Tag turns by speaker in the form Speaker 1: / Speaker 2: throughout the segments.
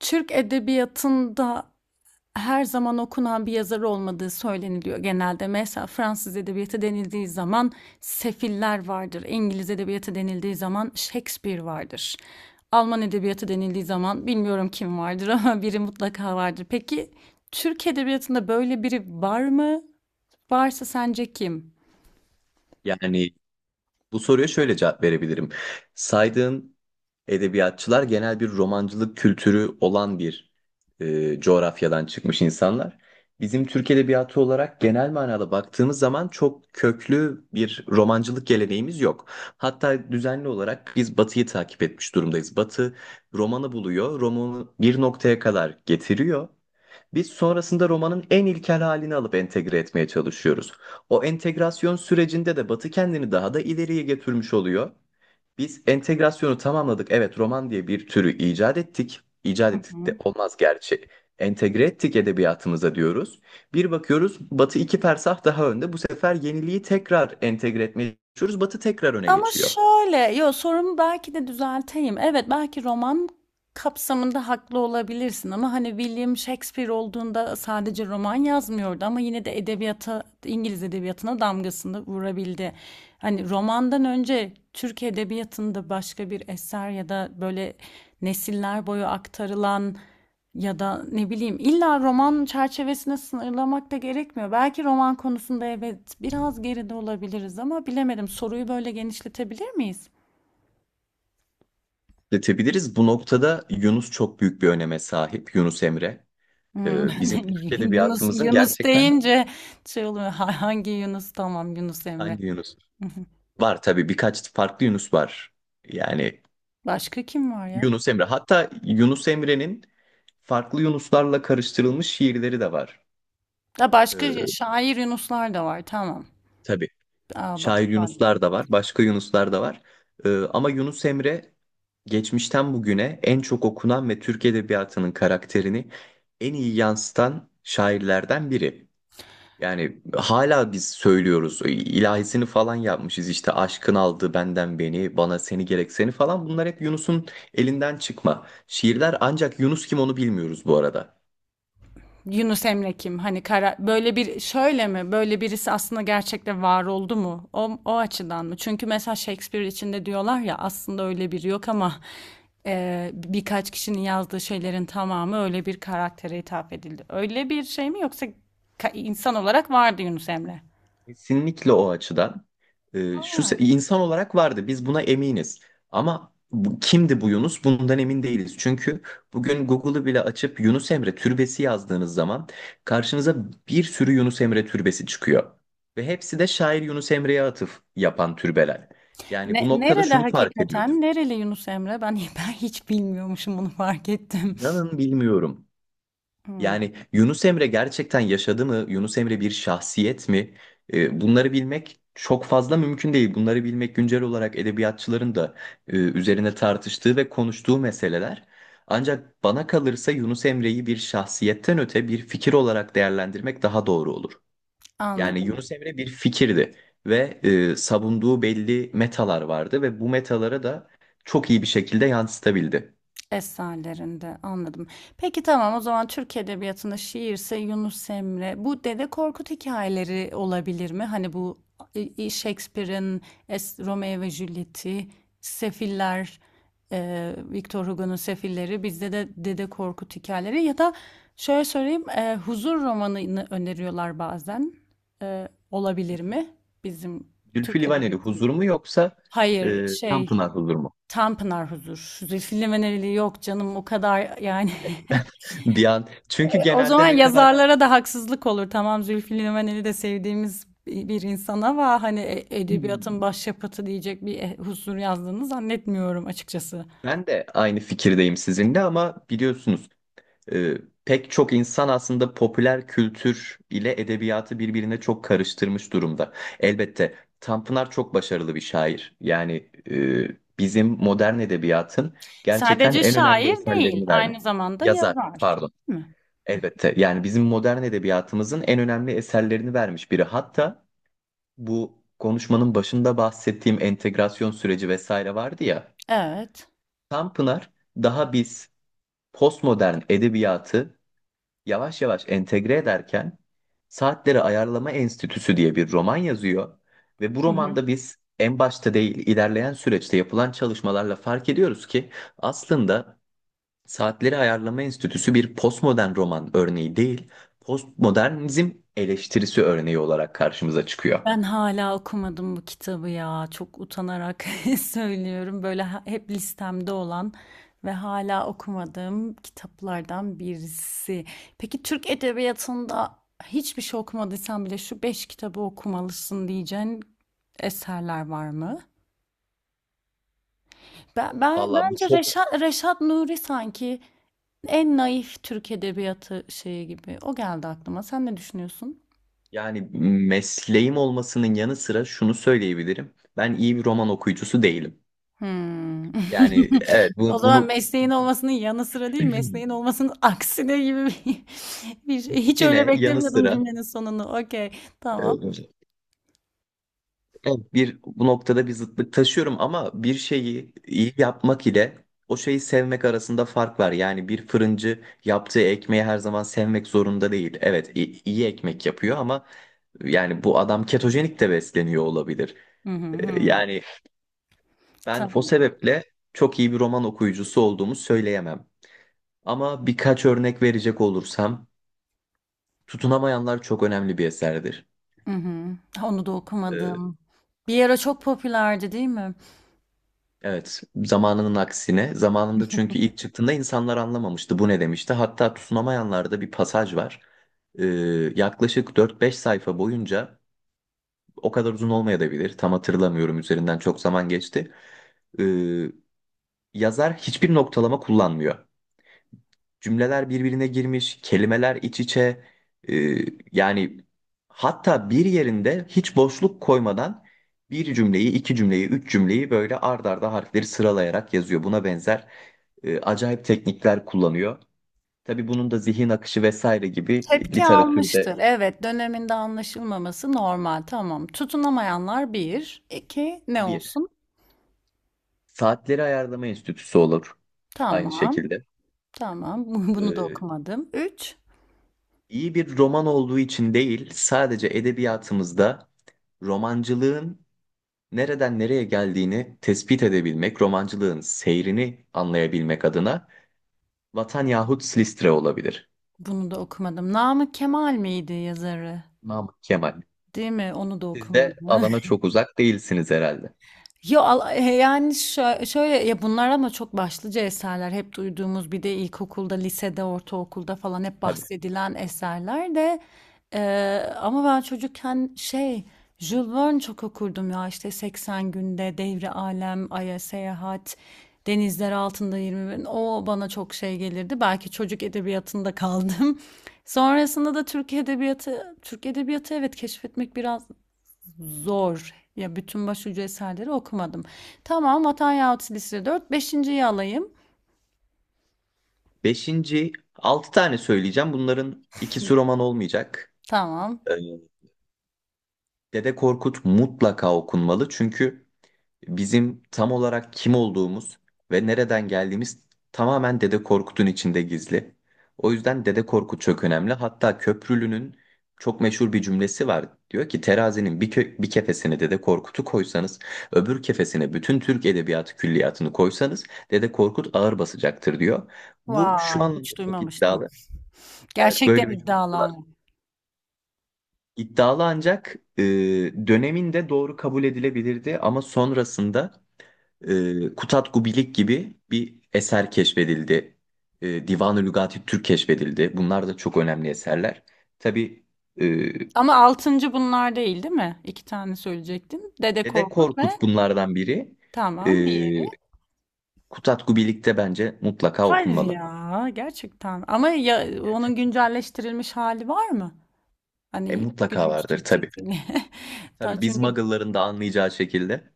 Speaker 1: Türk edebiyatında her zaman okunan bir yazar olmadığı söyleniliyor genelde. Mesela Fransız edebiyatı denildiği zaman Sefiller vardır. İngiliz edebiyatı denildiği zaman Shakespeare vardır. Alman edebiyatı denildiği zaman bilmiyorum kim vardır ama biri mutlaka vardır. Peki Türk edebiyatında böyle biri var mı? Varsa sence kim?
Speaker 2: Yani bu soruya şöyle cevap verebilirim. Saydığın edebiyatçılar genel bir romancılık kültürü olan bir coğrafyadan çıkmış insanlar. Bizim Türk edebiyatı olarak genel manada baktığımız zaman çok köklü bir romancılık geleneğimiz yok. Hatta düzenli olarak biz Batı'yı takip etmiş durumdayız. Batı romanı buluyor, romanı bir noktaya kadar getiriyor. Biz sonrasında romanın en ilkel halini alıp entegre etmeye çalışıyoruz. O entegrasyon sürecinde de Batı kendini daha da ileriye getirmiş oluyor. Biz entegrasyonu tamamladık. Evet, roman diye bir türü icat ettik. İcat
Speaker 1: Hı
Speaker 2: ettik
Speaker 1: hı.
Speaker 2: de olmaz gerçi. Entegre ettik edebiyatımıza diyoruz. Bir bakıyoruz Batı iki persah daha önde. Bu sefer yeniliği tekrar entegre etmeye çalışıyoruz. Batı tekrar öne
Speaker 1: Ama
Speaker 2: geçiyor.
Speaker 1: şöyle, yo, sorumu belki de düzelteyim. Evet, belki roman kapsamında haklı olabilirsin ama hani William Shakespeare olduğunda sadece roman yazmıyordu ama yine de edebiyata, İngiliz edebiyatına damgasını vurabildi. Hani romandan önce Türk edebiyatında başka bir eser ya da böyle nesiller boyu aktarılan ya da ne bileyim, illa roman çerçevesine sınırlamak da gerekmiyor. Belki roman konusunda evet biraz geride olabiliriz ama bilemedim. Soruyu böyle genişletebilir miyiz?
Speaker 2: Detebiliriz. Bu noktada Yunus çok büyük bir öneme sahip. Yunus Emre.
Speaker 1: Hımm.
Speaker 2: Bizim
Speaker 1: Ben
Speaker 2: Türk
Speaker 1: Yunus
Speaker 2: edebiyatımızın
Speaker 1: Yunus
Speaker 2: gerçekten.
Speaker 1: deyince şey oluyor. Ha, hangi Yunus? Tamam, Yunus Emre.
Speaker 2: Hangi Yunus?
Speaker 1: Hı hı.
Speaker 2: Var tabii, birkaç farklı Yunus var. Yani
Speaker 1: Başka kim var ya?
Speaker 2: Yunus Emre. Hatta Yunus Emre'nin farklı Yunuslarla karıştırılmış şiirleri de var.
Speaker 1: Ha, başka
Speaker 2: Ee,
Speaker 1: şair Yunuslar da var. Tamam.
Speaker 2: tabii
Speaker 1: A, ba
Speaker 2: şair Yunuslar da var, başka Yunuslar da var. Ama Yunus Emre geçmişten bugüne en çok okunan ve Türk edebiyatının karakterini en iyi yansıtan şairlerden biri. Yani hala biz söylüyoruz. İlahisini falan yapmışız işte: aşkın aldı benden beni, bana seni gerek seni falan. Bunlar hep Yunus'un elinden çıkma şiirler. Ancak Yunus kim, onu bilmiyoruz bu arada.
Speaker 1: Yunus Emre kim? Hani kara, böyle bir, şöyle mi? Böyle birisi aslında gerçekte var oldu mu? O açıdan mı? Çünkü mesela Shakespeare içinde diyorlar ya, aslında öyle biri yok ama birkaç kişinin yazdığı şeylerin tamamı öyle bir karaktere hitap edildi. Öyle bir şey mi yoksa insan olarak vardı Yunus Emre?
Speaker 2: Kesinlikle o açıdan. İnsan olarak vardı, biz buna eminiz. Ama bu, kimdi bu Yunus? Bundan emin değiliz. Çünkü bugün Google'ı bile açıp Yunus Emre türbesi yazdığınız zaman karşınıza bir sürü Yunus Emre türbesi çıkıyor. Ve hepsi de şair Yunus Emre'ye atıf yapan türbeler. Yani
Speaker 1: Ne,
Speaker 2: bu noktada
Speaker 1: nerede
Speaker 2: şunu fark ediyoruz.
Speaker 1: hakikaten? Nereli Yunus Emre? Ben, ben hiç bilmiyormuşum, bunu fark ettim.
Speaker 2: İnanın bilmiyorum.
Speaker 1: Hmm,
Speaker 2: Yani Yunus Emre gerçekten yaşadı mı? Yunus Emre bir şahsiyet mi? Bunları bilmek çok fazla mümkün değil. Bunları bilmek güncel olarak edebiyatçıların da üzerine tartıştığı ve konuştuğu meseleler. Ancak bana kalırsa Yunus Emre'yi bir şahsiyetten öte bir fikir olarak değerlendirmek daha doğru olur. Yani
Speaker 1: anladım.
Speaker 2: Yunus Emre bir fikirdi ve savunduğu belli metalar vardı ve bu metalara da çok iyi bir şekilde yansıtabildi.
Speaker 1: Eserlerinde, anladım. Peki, tamam, o zaman Türk Edebiyatı'nda şiirse Yunus Emre. Bu Dede Korkut hikayeleri olabilir mi? Hani bu Shakespeare'in Romeo ve Juliet'i, Sefiller, Victor Hugo'nun Sefilleri, bizde de Dede Korkut hikayeleri ya da, şöyle söyleyeyim, Huzur romanını öneriyorlar bazen. E, olabilir mi bizim
Speaker 2: Zülfü
Speaker 1: Türk
Speaker 2: Livaneli
Speaker 1: Edebiyatı'nda?
Speaker 2: huzur mu yoksa
Speaker 1: Hayır, şey,
Speaker 2: Tanpınar huzur mu?
Speaker 1: Tanpınar Huzur. Zülfü Livaneli yok canım, o kadar yani.
Speaker 2: Bir an. Çünkü
Speaker 1: O zaman
Speaker 2: genelde ne kadar
Speaker 1: yazarlara da haksızlık olur. Tamam, Zülfü Livaneli de sevdiğimiz bir insan ama hani edebiyatın
Speaker 2: Hmm.
Speaker 1: başyapıtı diyecek bir Huzur yazdığını zannetmiyorum açıkçası.
Speaker 2: Ben de aynı fikirdeyim sizinle ama biliyorsunuz e, pek çok insan aslında popüler kültür ile edebiyatı birbirine çok karıştırmış durumda. Elbette Tanpınar çok başarılı bir şair. Yani bizim modern edebiyatın gerçekten
Speaker 1: Sadece
Speaker 2: en önemli
Speaker 1: şair değil,
Speaker 2: eserlerini vermiş.
Speaker 1: aynı zamanda
Speaker 2: Yazar,
Speaker 1: yazar.
Speaker 2: pardon.
Speaker 1: Değil mi?
Speaker 2: Elbette. Yani bizim modern edebiyatımızın en önemli eserlerini vermiş biri. Hatta bu konuşmanın başında bahsettiğim entegrasyon süreci vesaire vardı ya.
Speaker 1: Evet.
Speaker 2: Tam Pınar, daha biz postmodern edebiyatı yavaş yavaş entegre ederken, Saatleri Ayarlama Enstitüsü diye bir roman yazıyor ve bu romanda biz en başta değil, ilerleyen süreçte yapılan çalışmalarla fark ediyoruz ki aslında Saatleri Ayarlama Enstitüsü bir postmodern roman örneği değil, postmodernizm eleştirisi örneği olarak karşımıza çıkıyor.
Speaker 1: Ben hala okumadım bu kitabı ya. Çok utanarak söylüyorum. Böyle hep listemde olan ve hala okumadığım kitaplardan birisi. Peki Türk edebiyatında hiçbir şey okumadıysan bile şu beş kitabı okumalısın diyeceğin eserler var mı? Ben,
Speaker 2: Valla bu
Speaker 1: bence
Speaker 2: çok,
Speaker 1: Reşat Nuri sanki en naif Türk edebiyatı şeyi gibi. O geldi aklıma. Sen ne düşünüyorsun?
Speaker 2: yani mesleğim olmasının yanı sıra şunu söyleyebilirim: ben iyi bir roman okuyucusu değilim.
Speaker 1: Hımm.
Speaker 2: Yani evet,
Speaker 1: O
Speaker 2: bu,
Speaker 1: zaman
Speaker 2: bunu
Speaker 1: mesleğin olmasının yanı sıra değil, mesleğin olmasının aksine gibi bir bir şey. Hiç öyle
Speaker 2: yine yanı
Speaker 1: beklemiyordum
Speaker 2: sıra,
Speaker 1: cümlenin sonunu. Okay, tamam.
Speaker 2: e, Evet, bir bu noktada bir zıtlık taşıyorum ama bir şeyi iyi yapmak ile o şeyi sevmek arasında fark var. Yani bir fırıncı yaptığı ekmeği her zaman sevmek zorunda değil. Evet, iyi ekmek yapıyor ama yani bu adam ketojenik de besleniyor olabilir.
Speaker 1: Hı hı,
Speaker 2: Ee,
Speaker 1: hımm.
Speaker 2: Yani ben o
Speaker 1: Tamam.
Speaker 2: sebeple çok iyi bir roman okuyucusu olduğumu söyleyemem. Ama birkaç örnek verecek olursam, Tutunamayanlar çok önemli bir eserdir.
Speaker 1: Hı hı. Ha, onu da
Speaker 2: Ee,
Speaker 1: okumadım. Bir ara çok popülerdi, değil mi?
Speaker 2: Evet zamanının aksine. Zamanında, çünkü ilk çıktığında insanlar anlamamıştı bu ne demişti. Hatta tutunamayanlarda bir pasaj var. Ee, yaklaşık dört beş sayfa boyunca, o kadar uzun olmayabilir, tam hatırlamıyorum, üzerinden çok zaman geçti. Ee, yazar hiçbir noktalama kullanmıyor. Cümleler birbirine girmiş, kelimeler iç içe. Ee, yani hatta bir yerinde hiç boşluk koymadan bir cümleyi, iki cümleyi, üç cümleyi böyle ard arda harfleri sıralayarak yazıyor. Buna benzer acayip teknikler kullanıyor. Tabii bunun da zihin akışı vesaire gibi
Speaker 1: Tepki
Speaker 2: literatürde
Speaker 1: almıştır. Evet, döneminde anlaşılmaması normal. Tamam. Tutunamayanlar bir, 2. Ne
Speaker 2: bir.
Speaker 1: olsun?
Speaker 2: Saatleri Ayarlama Enstitüsü olur aynı
Speaker 1: Tamam,
Speaker 2: şekilde.
Speaker 1: tamam. Bunu da
Speaker 2: Ee,
Speaker 1: okumadım. Üç.
Speaker 2: iyi bir roman olduğu için değil, sadece edebiyatımızda romancılığın nereden nereye geldiğini tespit edebilmek, romancılığın seyrini anlayabilmek adına Vatan yahut Silistre olabilir.
Speaker 1: Bunu da okumadım. Namık Kemal miydi yazarı?
Speaker 2: Namık Kemal.
Speaker 1: Değil mi? Onu da
Speaker 2: Siz de
Speaker 1: okumadı.
Speaker 2: alana çok uzak değilsiniz herhalde.
Speaker 1: Ya yani şöyle ya, bunlar ama çok başlıca eserler. Hep duyduğumuz, bir de ilkokulda, lisede, ortaokulda falan hep
Speaker 2: Tabii.
Speaker 1: bahsedilen eserler de, e, ama ben çocukken şey, Jules Verne çok okurdum ya, işte 80 Günde Devri Alem, Ay'a Seyahat, Denizler Altında 20 Bin. O bana çok şey gelirdi. Belki çocuk edebiyatında kaldım. Sonrasında da Türk edebiyatı, Türk edebiyatı, evet, keşfetmek biraz zor. Ya, bütün başucu eserleri okumadım. Tamam, Vatan Yahut Silsile dört, beşinciyi alayım.
Speaker 2: Beşinci, altı tane söyleyeceğim. Bunların ikisi roman olmayacak.
Speaker 1: Tamam.
Speaker 2: Ee, Dede Korkut mutlaka okunmalı, çünkü bizim tam olarak kim olduğumuz ve nereden geldiğimiz tamamen Dede Korkut'un içinde gizli. O yüzden Dede Korkut çok önemli. Hatta Köprülü'nün çok meşhur bir cümlesi var. Diyor ki: terazinin bir kefesine Dede Korkut'u koysanız, öbür kefesine bütün Türk edebiyatı külliyatını koysanız, Dede Korkut ağır basacaktır diyor. Bu şu
Speaker 1: Vay,
Speaker 2: anlamda
Speaker 1: hiç
Speaker 2: çok
Speaker 1: duymamıştım.
Speaker 2: iddialı. Evet,
Speaker 1: Gerçekten
Speaker 2: böyle bir
Speaker 1: iddialı
Speaker 2: cümlesi var.
Speaker 1: ama.
Speaker 2: İddialı, ancak döneminde doğru kabul edilebilirdi ama sonrasında Kutat Gubilik gibi bir eser keşfedildi. Divan-ı Lügati Türk keşfedildi. Bunlar da çok önemli eserler. Tabii e,
Speaker 1: Ama altıncı bunlar değil, değil mi? İki tane söyleyecektim. Dede
Speaker 2: Dede
Speaker 1: Korkut ve,
Speaker 2: Korkut bunlardan biri. E,
Speaker 1: tamam, diğeri.
Speaker 2: Kutat Gubilik'te bence mutlaka
Speaker 1: Hayır
Speaker 2: okunmalı.
Speaker 1: ya, gerçekten. Ama ya, onun
Speaker 2: Gerçekten.
Speaker 1: güncelleştirilmiş hali var mı?
Speaker 2: E,
Speaker 1: Hani
Speaker 2: mutlaka
Speaker 1: günümüz
Speaker 2: vardır tabii.
Speaker 1: Türkçesi.
Speaker 2: Tabii, biz
Speaker 1: Çünkü,
Speaker 2: Muggle'ların da anlayacağı şekilde.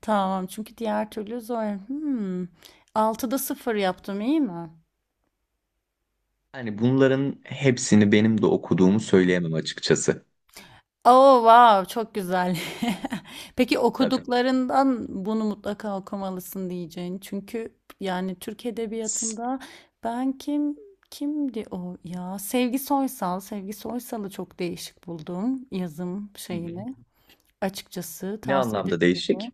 Speaker 1: tamam, çünkü diğer türlü zor. Hmm. 6'da 0 yaptım, iyi mi?
Speaker 2: Yani bunların hepsini benim de okuduğumu söyleyemem açıkçası.
Speaker 1: Oh, wow, çok güzel. Peki
Speaker 2: Tabii.
Speaker 1: okuduklarından bunu mutlaka okumalısın diyeceğin. Çünkü yani Türk
Speaker 2: S-
Speaker 1: edebiyatında ben kimdi o ya? Sevgi Soysal'ı çok değişik buldum, yazım
Speaker 2: Hı hı.
Speaker 1: şeyini. Açıkçası
Speaker 2: Ne
Speaker 1: tavsiye
Speaker 2: anlamda
Speaker 1: edebilirim.
Speaker 2: değişik?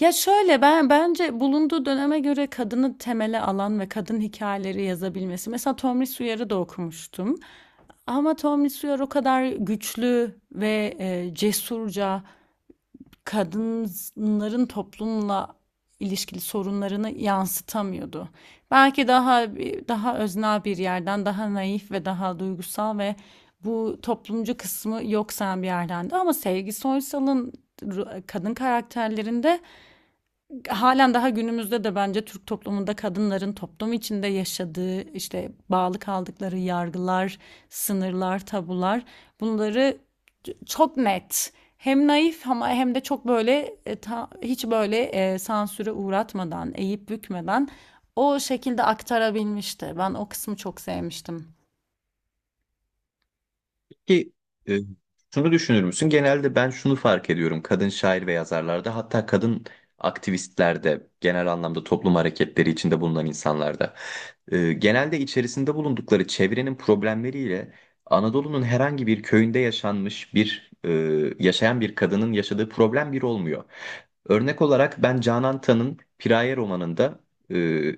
Speaker 1: Ya şöyle, ben bence bulunduğu döneme göre kadını temele alan ve kadın hikayeleri yazabilmesi. Mesela Tomris Uyar'ı da okumuştum. Ama Tom Sawyer o kadar güçlü ve cesurca kadınların toplumla ilişkili sorunlarını yansıtamıyordu. Belki daha, daha öznel bir yerden, daha naif ve daha duygusal ve bu toplumcu kısmı yok sayan bir yerdendi. Ama Sevgi Soysal'ın kadın karakterlerinde halen daha günümüzde de bence Türk toplumunda kadınların toplum içinde yaşadığı, işte bağlı kaldıkları yargılar, sınırlar, tabular, bunları çok net, hem naif ama hem de çok böyle, hiç böyle, sansüre uğratmadan, eğip bükmeden o şekilde aktarabilmişti. Ben o kısmı çok sevmiştim.
Speaker 2: Peki e, şunu düşünür müsün? Genelde ben şunu fark ediyorum, kadın şair ve yazarlarda, hatta kadın aktivistlerde, genel anlamda toplum hareketleri içinde bulunan insanlarda genelde içerisinde bulundukları çevrenin problemleriyle Anadolu'nun herhangi bir köyünde yaşayan bir kadının yaşadığı problem bir olmuyor. Örnek olarak ben Canan Tan'ın Piraye romanında e,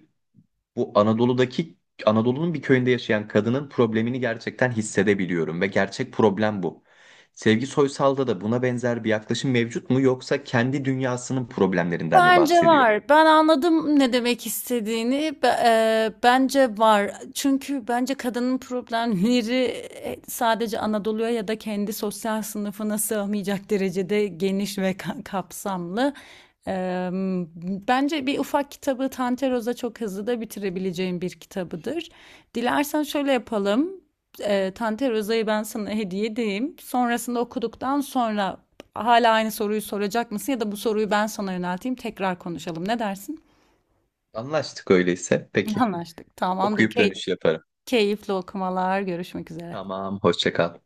Speaker 2: bu Anadolu'daki Anadolu'nun bir köyünde yaşayan kadının problemini gerçekten hissedebiliyorum ve gerçek problem bu. Sevgi Soysal'da da buna benzer bir yaklaşım mevcut mu, yoksa kendi dünyasının problemlerinden mi
Speaker 1: Bence
Speaker 2: bahsediyor?
Speaker 1: var. Ben anladım ne demek istediğini. Bence var. Çünkü bence kadının problemleri, sadece Anadolu'ya ya da kendi sosyal sınıfına sığmayacak derecede geniş ve kapsamlı. E, bence bir ufak kitabı Tanteroz'a, çok hızlı da bitirebileceğim bir kitabıdır. Dilersen şöyle yapalım. E, Tanteroz'a'yı ben sana hediye edeyim. Sonrasında, okuduktan sonra hala aynı soruyu soracak mısın, ya da bu soruyu ben sana yönelteyim, tekrar konuşalım. Ne dersin?
Speaker 2: Anlaştık öyleyse. Peki.
Speaker 1: Anlaştık. Tamamdır.
Speaker 2: Okuyup dönüş yaparım.
Speaker 1: Keyifli okumalar. Görüşmek üzere.
Speaker 2: Tamam, hoşça kal.